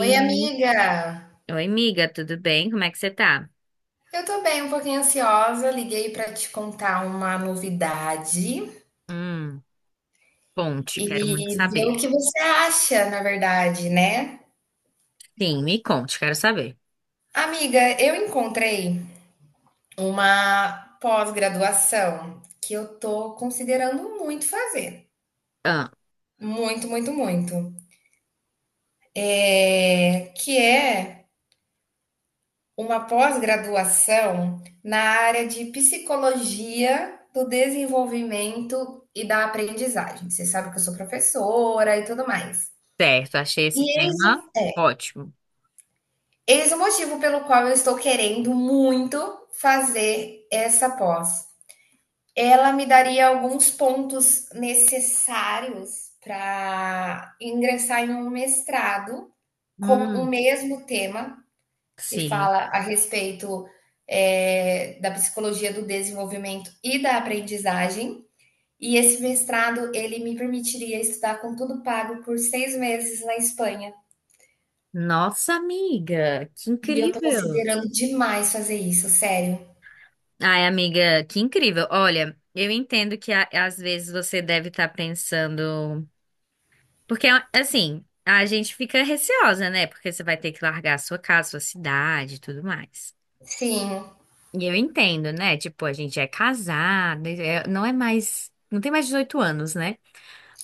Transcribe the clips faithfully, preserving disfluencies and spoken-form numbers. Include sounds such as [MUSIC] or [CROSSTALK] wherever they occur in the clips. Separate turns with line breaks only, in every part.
Oi, amiga!
Oi, amiga, tudo bem? Como é que você tá?
Eu tô bem, um pouquinho ansiosa. Liguei pra te contar uma novidade
Hum, Conte,
e
quero muito
ver
saber.
o que você acha, na verdade, né?
Sim, me conte, quero saber.
Amiga, eu encontrei uma pós-graduação que eu tô considerando muito fazer.
Ah,
Muito, muito, muito. É, que é uma pós-graduação na área de psicologia do desenvolvimento e da aprendizagem. Você sabe que eu sou professora e tudo mais.
certo, achei
E
esse
eis o,
tema
é,
ótimo.
eis o motivo pelo qual eu estou querendo muito fazer essa pós. Ela me daria alguns pontos necessários para ingressar em um mestrado com o
Hum,
mesmo tema que
sim.
fala a respeito é, da psicologia do desenvolvimento e da aprendizagem. E esse mestrado ele me permitiria estudar com tudo pago por seis meses na Espanha.
Nossa, amiga, que
E eu tô
incrível.
considerando demais fazer isso, sério.
Ai, amiga, que incrível. Olha, eu entendo que a- às vezes você deve estar pensando. Porque, assim, a gente fica receosa, né? Porque você vai ter que largar a sua casa, sua cidade e tudo mais.
Sim,
E eu entendo, né? Tipo, a gente é casado, é- não é mais. Não tem mais dezoito anos, né?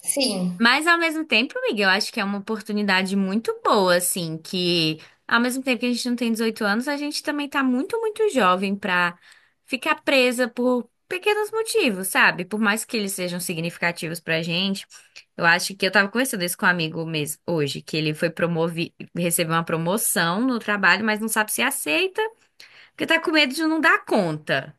sim,
Mas ao mesmo tempo, Miguel, eu acho que é uma oportunidade muito boa, assim, que ao mesmo tempo que a gente não tem dezoito anos, a gente também tá muito, muito jovem pra ficar presa por pequenos motivos, sabe? Por mais que eles sejam significativos pra gente. Eu acho que eu tava conversando isso com um amigo mesmo hoje, que ele foi promovido, recebeu uma promoção no trabalho, mas não sabe se aceita, porque tá com medo de não dar conta.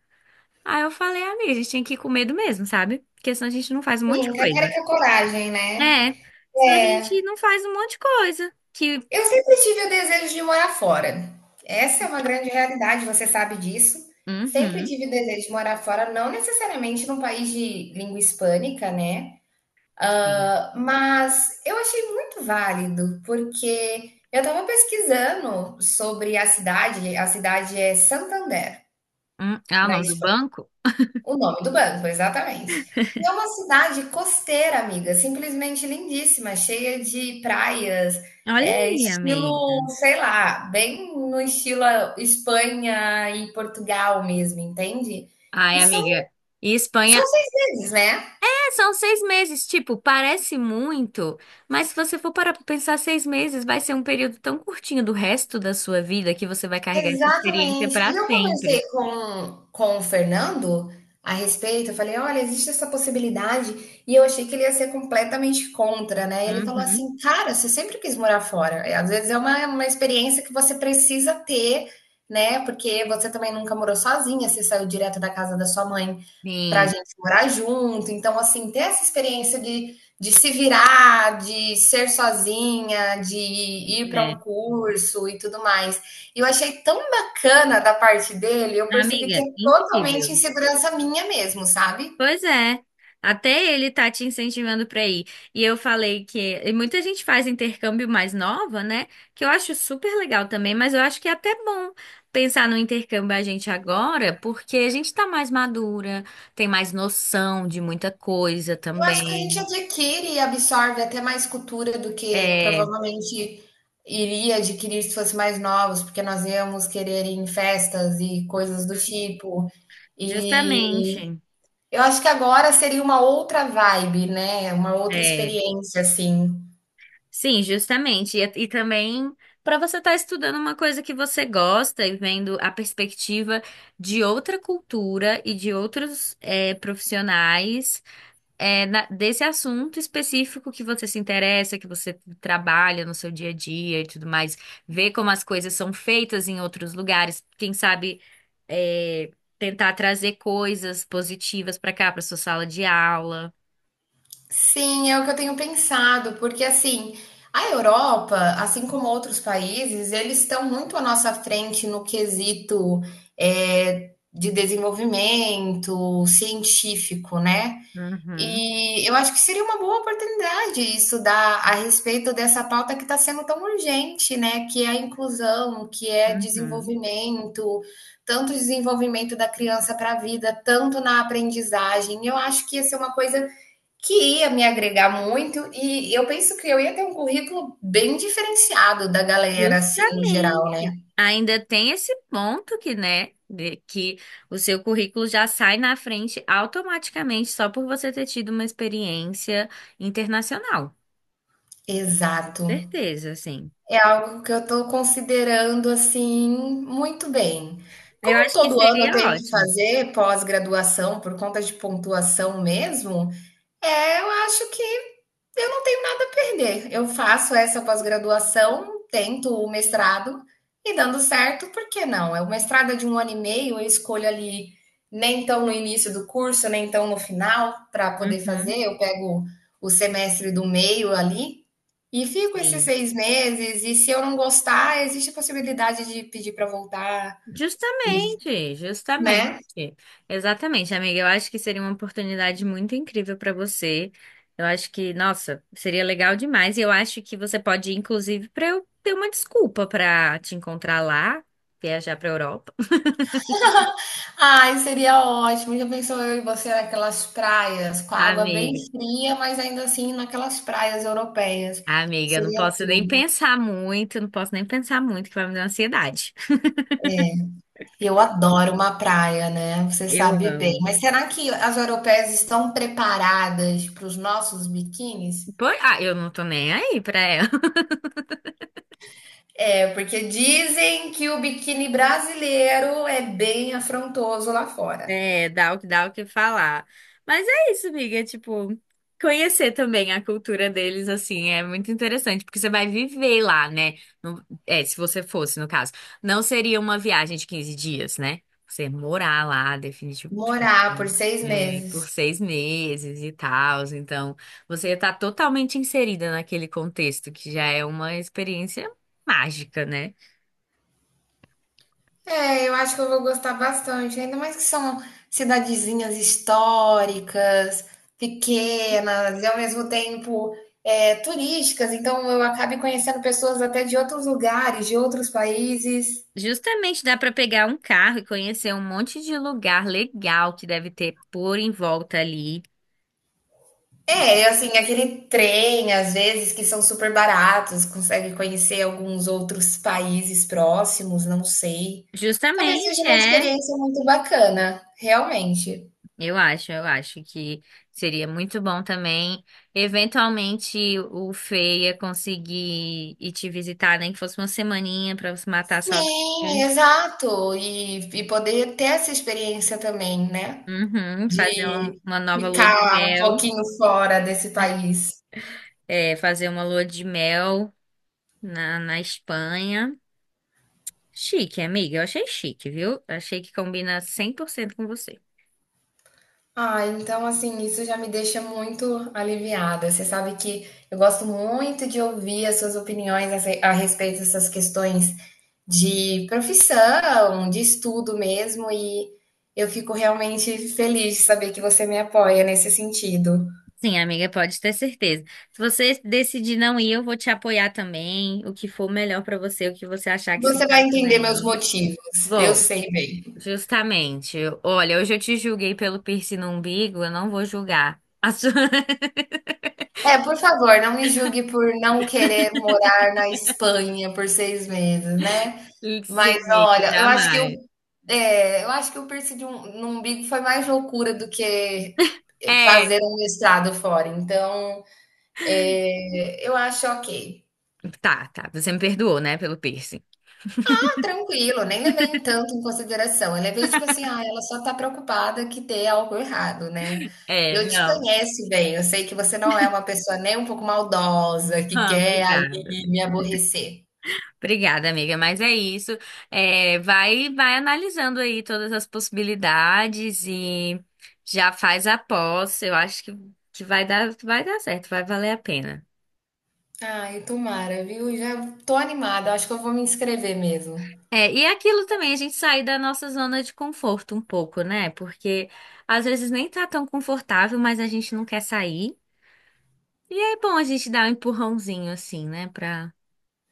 Aí eu falei, amiga, a gente tem que ir com medo mesmo, sabe? Porque senão a gente não faz um monte
sim.
de
Cara,
coisa.
que é coragem, né?
É, senão a
É.
gente não faz um monte de coisa. Que.
Eu sempre tive o desejo de morar fora. Essa é uma grande realidade, você sabe disso. Sempre
Uhum.
tive o desejo de morar fora, não necessariamente num país de língua hispânica, né?
Sim.
Mas eu achei muito válido, porque eu estava pesquisando sobre a cidade, a cidade é Santander,
Hum, ah, o
na
nome do
Espanha.
banco?
O nome do banco, exatamente. E é uma cidade costeira, amiga, simplesmente lindíssima, cheia de praias,
Olha
é,
aí,
estilo,
amiga.
sei lá, bem no estilo ah, Espanha e Portugal mesmo, entende? E
Ai,
são
amiga. E Espanha,
deles, né?
é, são seis meses, tipo, parece muito, mas se você for parar pra pensar, seis meses vai ser um período tão curtinho do resto da sua vida que você vai carregar essa experiência
Exatamente.
pra
E eu conversei
sempre.
com, com o Fernando a respeito. Eu falei: olha, existe essa possibilidade. E eu achei que ele ia ser completamente contra, né? Ele falou
Uhum.
assim: cara, você sempre quis morar fora. É, às vezes é uma, uma experiência que você precisa ter, né? Porque você também nunca morou sozinha, você saiu direto da casa da sua mãe para a
Sim,
gente morar junto. Então, assim, ter essa experiência de, de se virar, de ser sozinha, de ir para um
é.
curso e tudo mais. E eu achei tão bacana da parte dele, eu percebi que é
Amiga,
totalmente
incrível.
insegurança minha mesmo, sabe?
Pois é. Até ele tá te incentivando pra ir. E eu falei que. E muita gente faz intercâmbio mais nova, né? Que eu acho super legal também, mas eu acho que é até bom pensar no intercâmbio a gente agora, porque a gente tá mais madura, tem mais noção de muita coisa
Eu acho que a gente
também.
adquire e absorve até mais cultura do que
É,
provavelmente iria adquirir se fosse mais novos, porque nós íamos querer ir em festas e coisas do tipo. E
justamente.
eu acho que agora seria uma outra vibe, né, uma outra
É.
experiência, assim.
Sim, justamente. E, e também para você estar estudando uma coisa que você gosta e vendo a perspectiva de outra cultura e de outros eh, profissionais, eh, na- desse assunto específico que você se interessa, que você trabalha no seu dia a dia e tudo mais. Ver como as coisas são feitas em outros lugares. Quem sabe eh, tentar trazer coisas positivas para cá, para sua sala de aula.
Sim, é o que eu tenho pensado, porque assim, a Europa, assim como outros países, eles estão muito à nossa frente no quesito, eh, de desenvolvimento científico, né?
Uhum,
E eu acho que seria uma boa oportunidade estudar a respeito dessa pauta que está sendo tão urgente, né? Que é a inclusão, que é
uhum.
desenvolvimento, tanto desenvolvimento da criança para a vida, tanto na aprendizagem. Eu acho que ia ser uma coisa que ia me agregar muito, e eu penso que eu ia ter um currículo bem diferenciado da galera, assim, no geral, né?
Justamente. Ainda tem esse ponto que, né, de- que o seu currículo já sai na frente automaticamente só por você ter tido uma experiência internacional.
Exato.
Certeza, sim.
É algo que eu estou considerando assim muito bem.
Eu
Como
acho que
todo ano eu
seria
tenho que
ótimo.
fazer pós-graduação por conta de pontuação mesmo, é, eu acho que eu não tenho nada a perder. Eu faço essa pós-graduação, tento o mestrado e dando certo, por que não? É. O mestrado é de um ano e meio, eu escolho ali nem tão no início do curso, nem tão no final para poder
Uhum.
fazer. Eu pego o semestre do meio ali e fico esses
Sim.
seis meses. E se eu não gostar, existe a possibilidade de pedir para voltar, e,
Justamente,
né?
justamente. Exatamente, amiga. Eu acho que seria uma oportunidade muito incrível para você. Eu acho que, nossa, seria legal demais. E eu acho que você pode ir, inclusive, para eu ter uma desculpa para te encontrar lá, viajar para Europa.
Ai, seria ótimo. Já pensou eu e você naquelas praias, com a água bem
Amiga,
fria, mas ainda assim naquelas praias europeias.
amiga, eu não
Seria.
posso nem pensar muito, eu não posso nem pensar muito, que vai me dar ansiedade.
Eu adoro uma praia, né? Você
Eu
sabe bem.
amo.
Mas será que as europeias estão preparadas para os nossos biquínis?
Pois- ah, eu não tô nem aí pra ela.
É, porque dizem que o biquíni brasileiro é bem afrontoso lá fora.
É, dá o que dá o que falar. Mas é isso, amiga, é, tipo, conhecer também a cultura deles, assim, é muito interessante, porque você vai viver lá, né? Não- é, se você fosse, no caso. Não seria uma viagem de quinze dias, né? Você morar lá, definitivamente. Tipo,
Morar por seis
é, por
meses.
seis meses e tal, então você está totalmente inserida naquele contexto, que já é uma experiência mágica, né?
É, eu acho que eu vou gostar bastante, ainda mais que são cidadezinhas históricas, pequenas e ao mesmo tempo é, turísticas, então eu acabe conhecendo pessoas até de outros lugares, de outros países.
Justamente dá para pegar um carro e conhecer um monte de lugar legal que deve ter por em volta ali.
É, e assim, aquele trem, às vezes, que são super baratos, consegue conhecer alguns outros países próximos, não sei. Talvez seja
Justamente,
uma
é,
experiência muito bacana, realmente.
eu acho, eu acho que seria muito bom também, eventualmente o Feia conseguir ir te visitar, nem que fosse uma semaninha para você matar a saudade.
Sim, exato. E e poder ter essa experiência também, né,
Uhum, fazer um-
de
uma nova lua de
ficar um
mel,
pouquinho fora desse país.
é, fazer uma lua de mel na, na Espanha. Chique, amiga, eu achei chique, viu? Achei que combina cem por cento com você.
Ah, então, assim, isso já me deixa muito aliviada. Você sabe que eu gosto muito de ouvir as suas opiniões a re a respeito dessas questões de profissão, de estudo mesmo, e eu fico realmente feliz de saber que você me apoia nesse sentido.
Sim, amiga, pode ter certeza. Se você decidir não ir, eu vou te apoiar também. O que for melhor pra você, o que você achar que se
Você vai
encaixa
entender meus
melhor.
motivos, eu
Vou,
sei bem.
justamente. Olha, hoje eu te julguei pelo piercing no umbigo, eu não vou julgar. A sua... [LAUGHS]
É, por favor, não me julgue por não querer morar na Espanha por seis meses, né. Mas
Sim, amiga,
olha, eu acho que eu
jamais.
é, eu acho que o piercing de um no umbigo foi mais loucura do que
É,
fazer um mestrado fora, então, eh, eu acho ok.
tá, tá. Você me perdoou, né, pelo piercing.
Ah, tranquilo, nem levei em tanto em consideração, eu levei tipo assim: "Ah, ela só tá preocupada que dê algo errado, né".
É,
Eu te
não.
conheço bem, eu sei que você não é uma pessoa nem um pouco maldosa, que
Ah,
quer ali
obrigada.
me aborrecer.
Obrigada, amiga, mas é isso. É, vai, vai analisando aí todas as possibilidades e já faz a aposta. Eu acho que, que vai dar, vai dar certo, vai valer a pena.
Ai, tomara, viu? Já tô animada, acho que eu vou me inscrever mesmo.
É, e aquilo também, a gente sair da nossa zona de conforto um pouco, né? Porque às vezes nem tá tão confortável, mas a gente não quer sair. E é bom a gente dar um empurrãozinho assim, né? Pra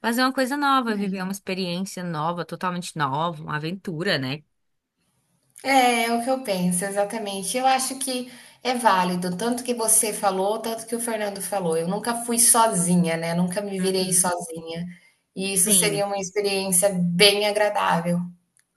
fazer uma coisa nova, viver uma experiência nova, totalmente nova, uma aventura, né?
É, é o que eu penso, exatamente. Eu acho que é válido, tanto que você falou, tanto que o Fernando falou. Eu nunca fui sozinha, né? Nunca me virei
Uhum.
sozinha. E isso
Sim.
seria uma experiência bem agradável.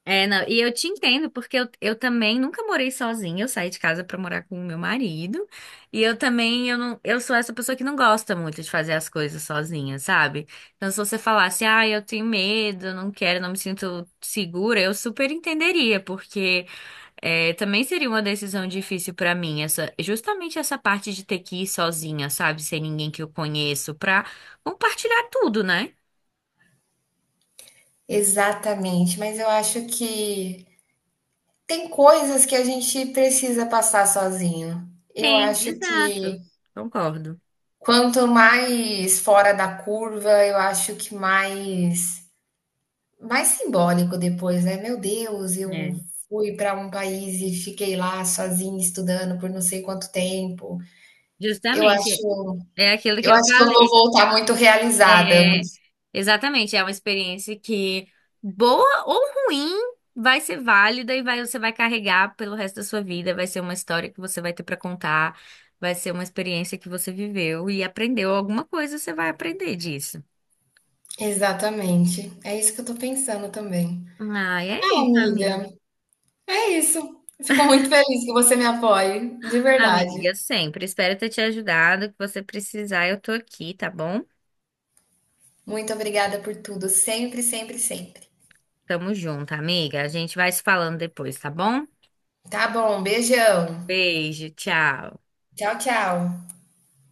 É, não, e eu, te entendo, porque eu, eu também nunca morei sozinha, eu saí de casa pra morar com o meu marido, e eu também, eu não, eu sou essa pessoa que não gosta muito de fazer as coisas sozinha, sabe? Então, se você falasse, ah, eu tenho medo, eu não quero, não me sinto segura, eu super entenderia, porque é, também seria uma decisão difícil pra mim, essa, justamente essa parte de ter que ir sozinha, sabe? Sem ninguém que eu conheço, pra compartilhar tudo, né?
Exatamente, mas eu acho que tem coisas que a gente precisa passar sozinho. Eu
Sim,
acho
exato.
que
Concordo.
quanto mais fora da curva, eu acho que mais mais simbólico depois, né? Meu Deus, eu
É.
fui para um país e fiquei lá sozinha estudando por não sei quanto tempo. Eu
Justamente.
acho,
É aquilo que
eu
eu
acho que eu vou
falei.
voltar muito realizada.
É,
muito-
exatamente. É uma experiência que, boa ou ruim, vai ser válida e vai, você vai carregar pelo resto da sua vida. Vai ser uma história que você vai ter para contar. Vai ser uma experiência que você viveu e aprendeu alguma coisa, você vai aprender disso.
Exatamente. É isso que eu tô pensando também.
Ai, é
Ah,
isso, amiga.
amiga, é isso. Fico muito feliz que você me apoie, de verdade.
Amiga, sempre. Espero ter te ajudado. O que você precisar, eu tô aqui, tá bom?
Muito obrigada por tudo, sempre, sempre, sempre.
Tamo junto, amiga. A gente vai se falando depois, tá bom?
Tá bom, beijão.
Beijo, tchau.
Tchau, tchau.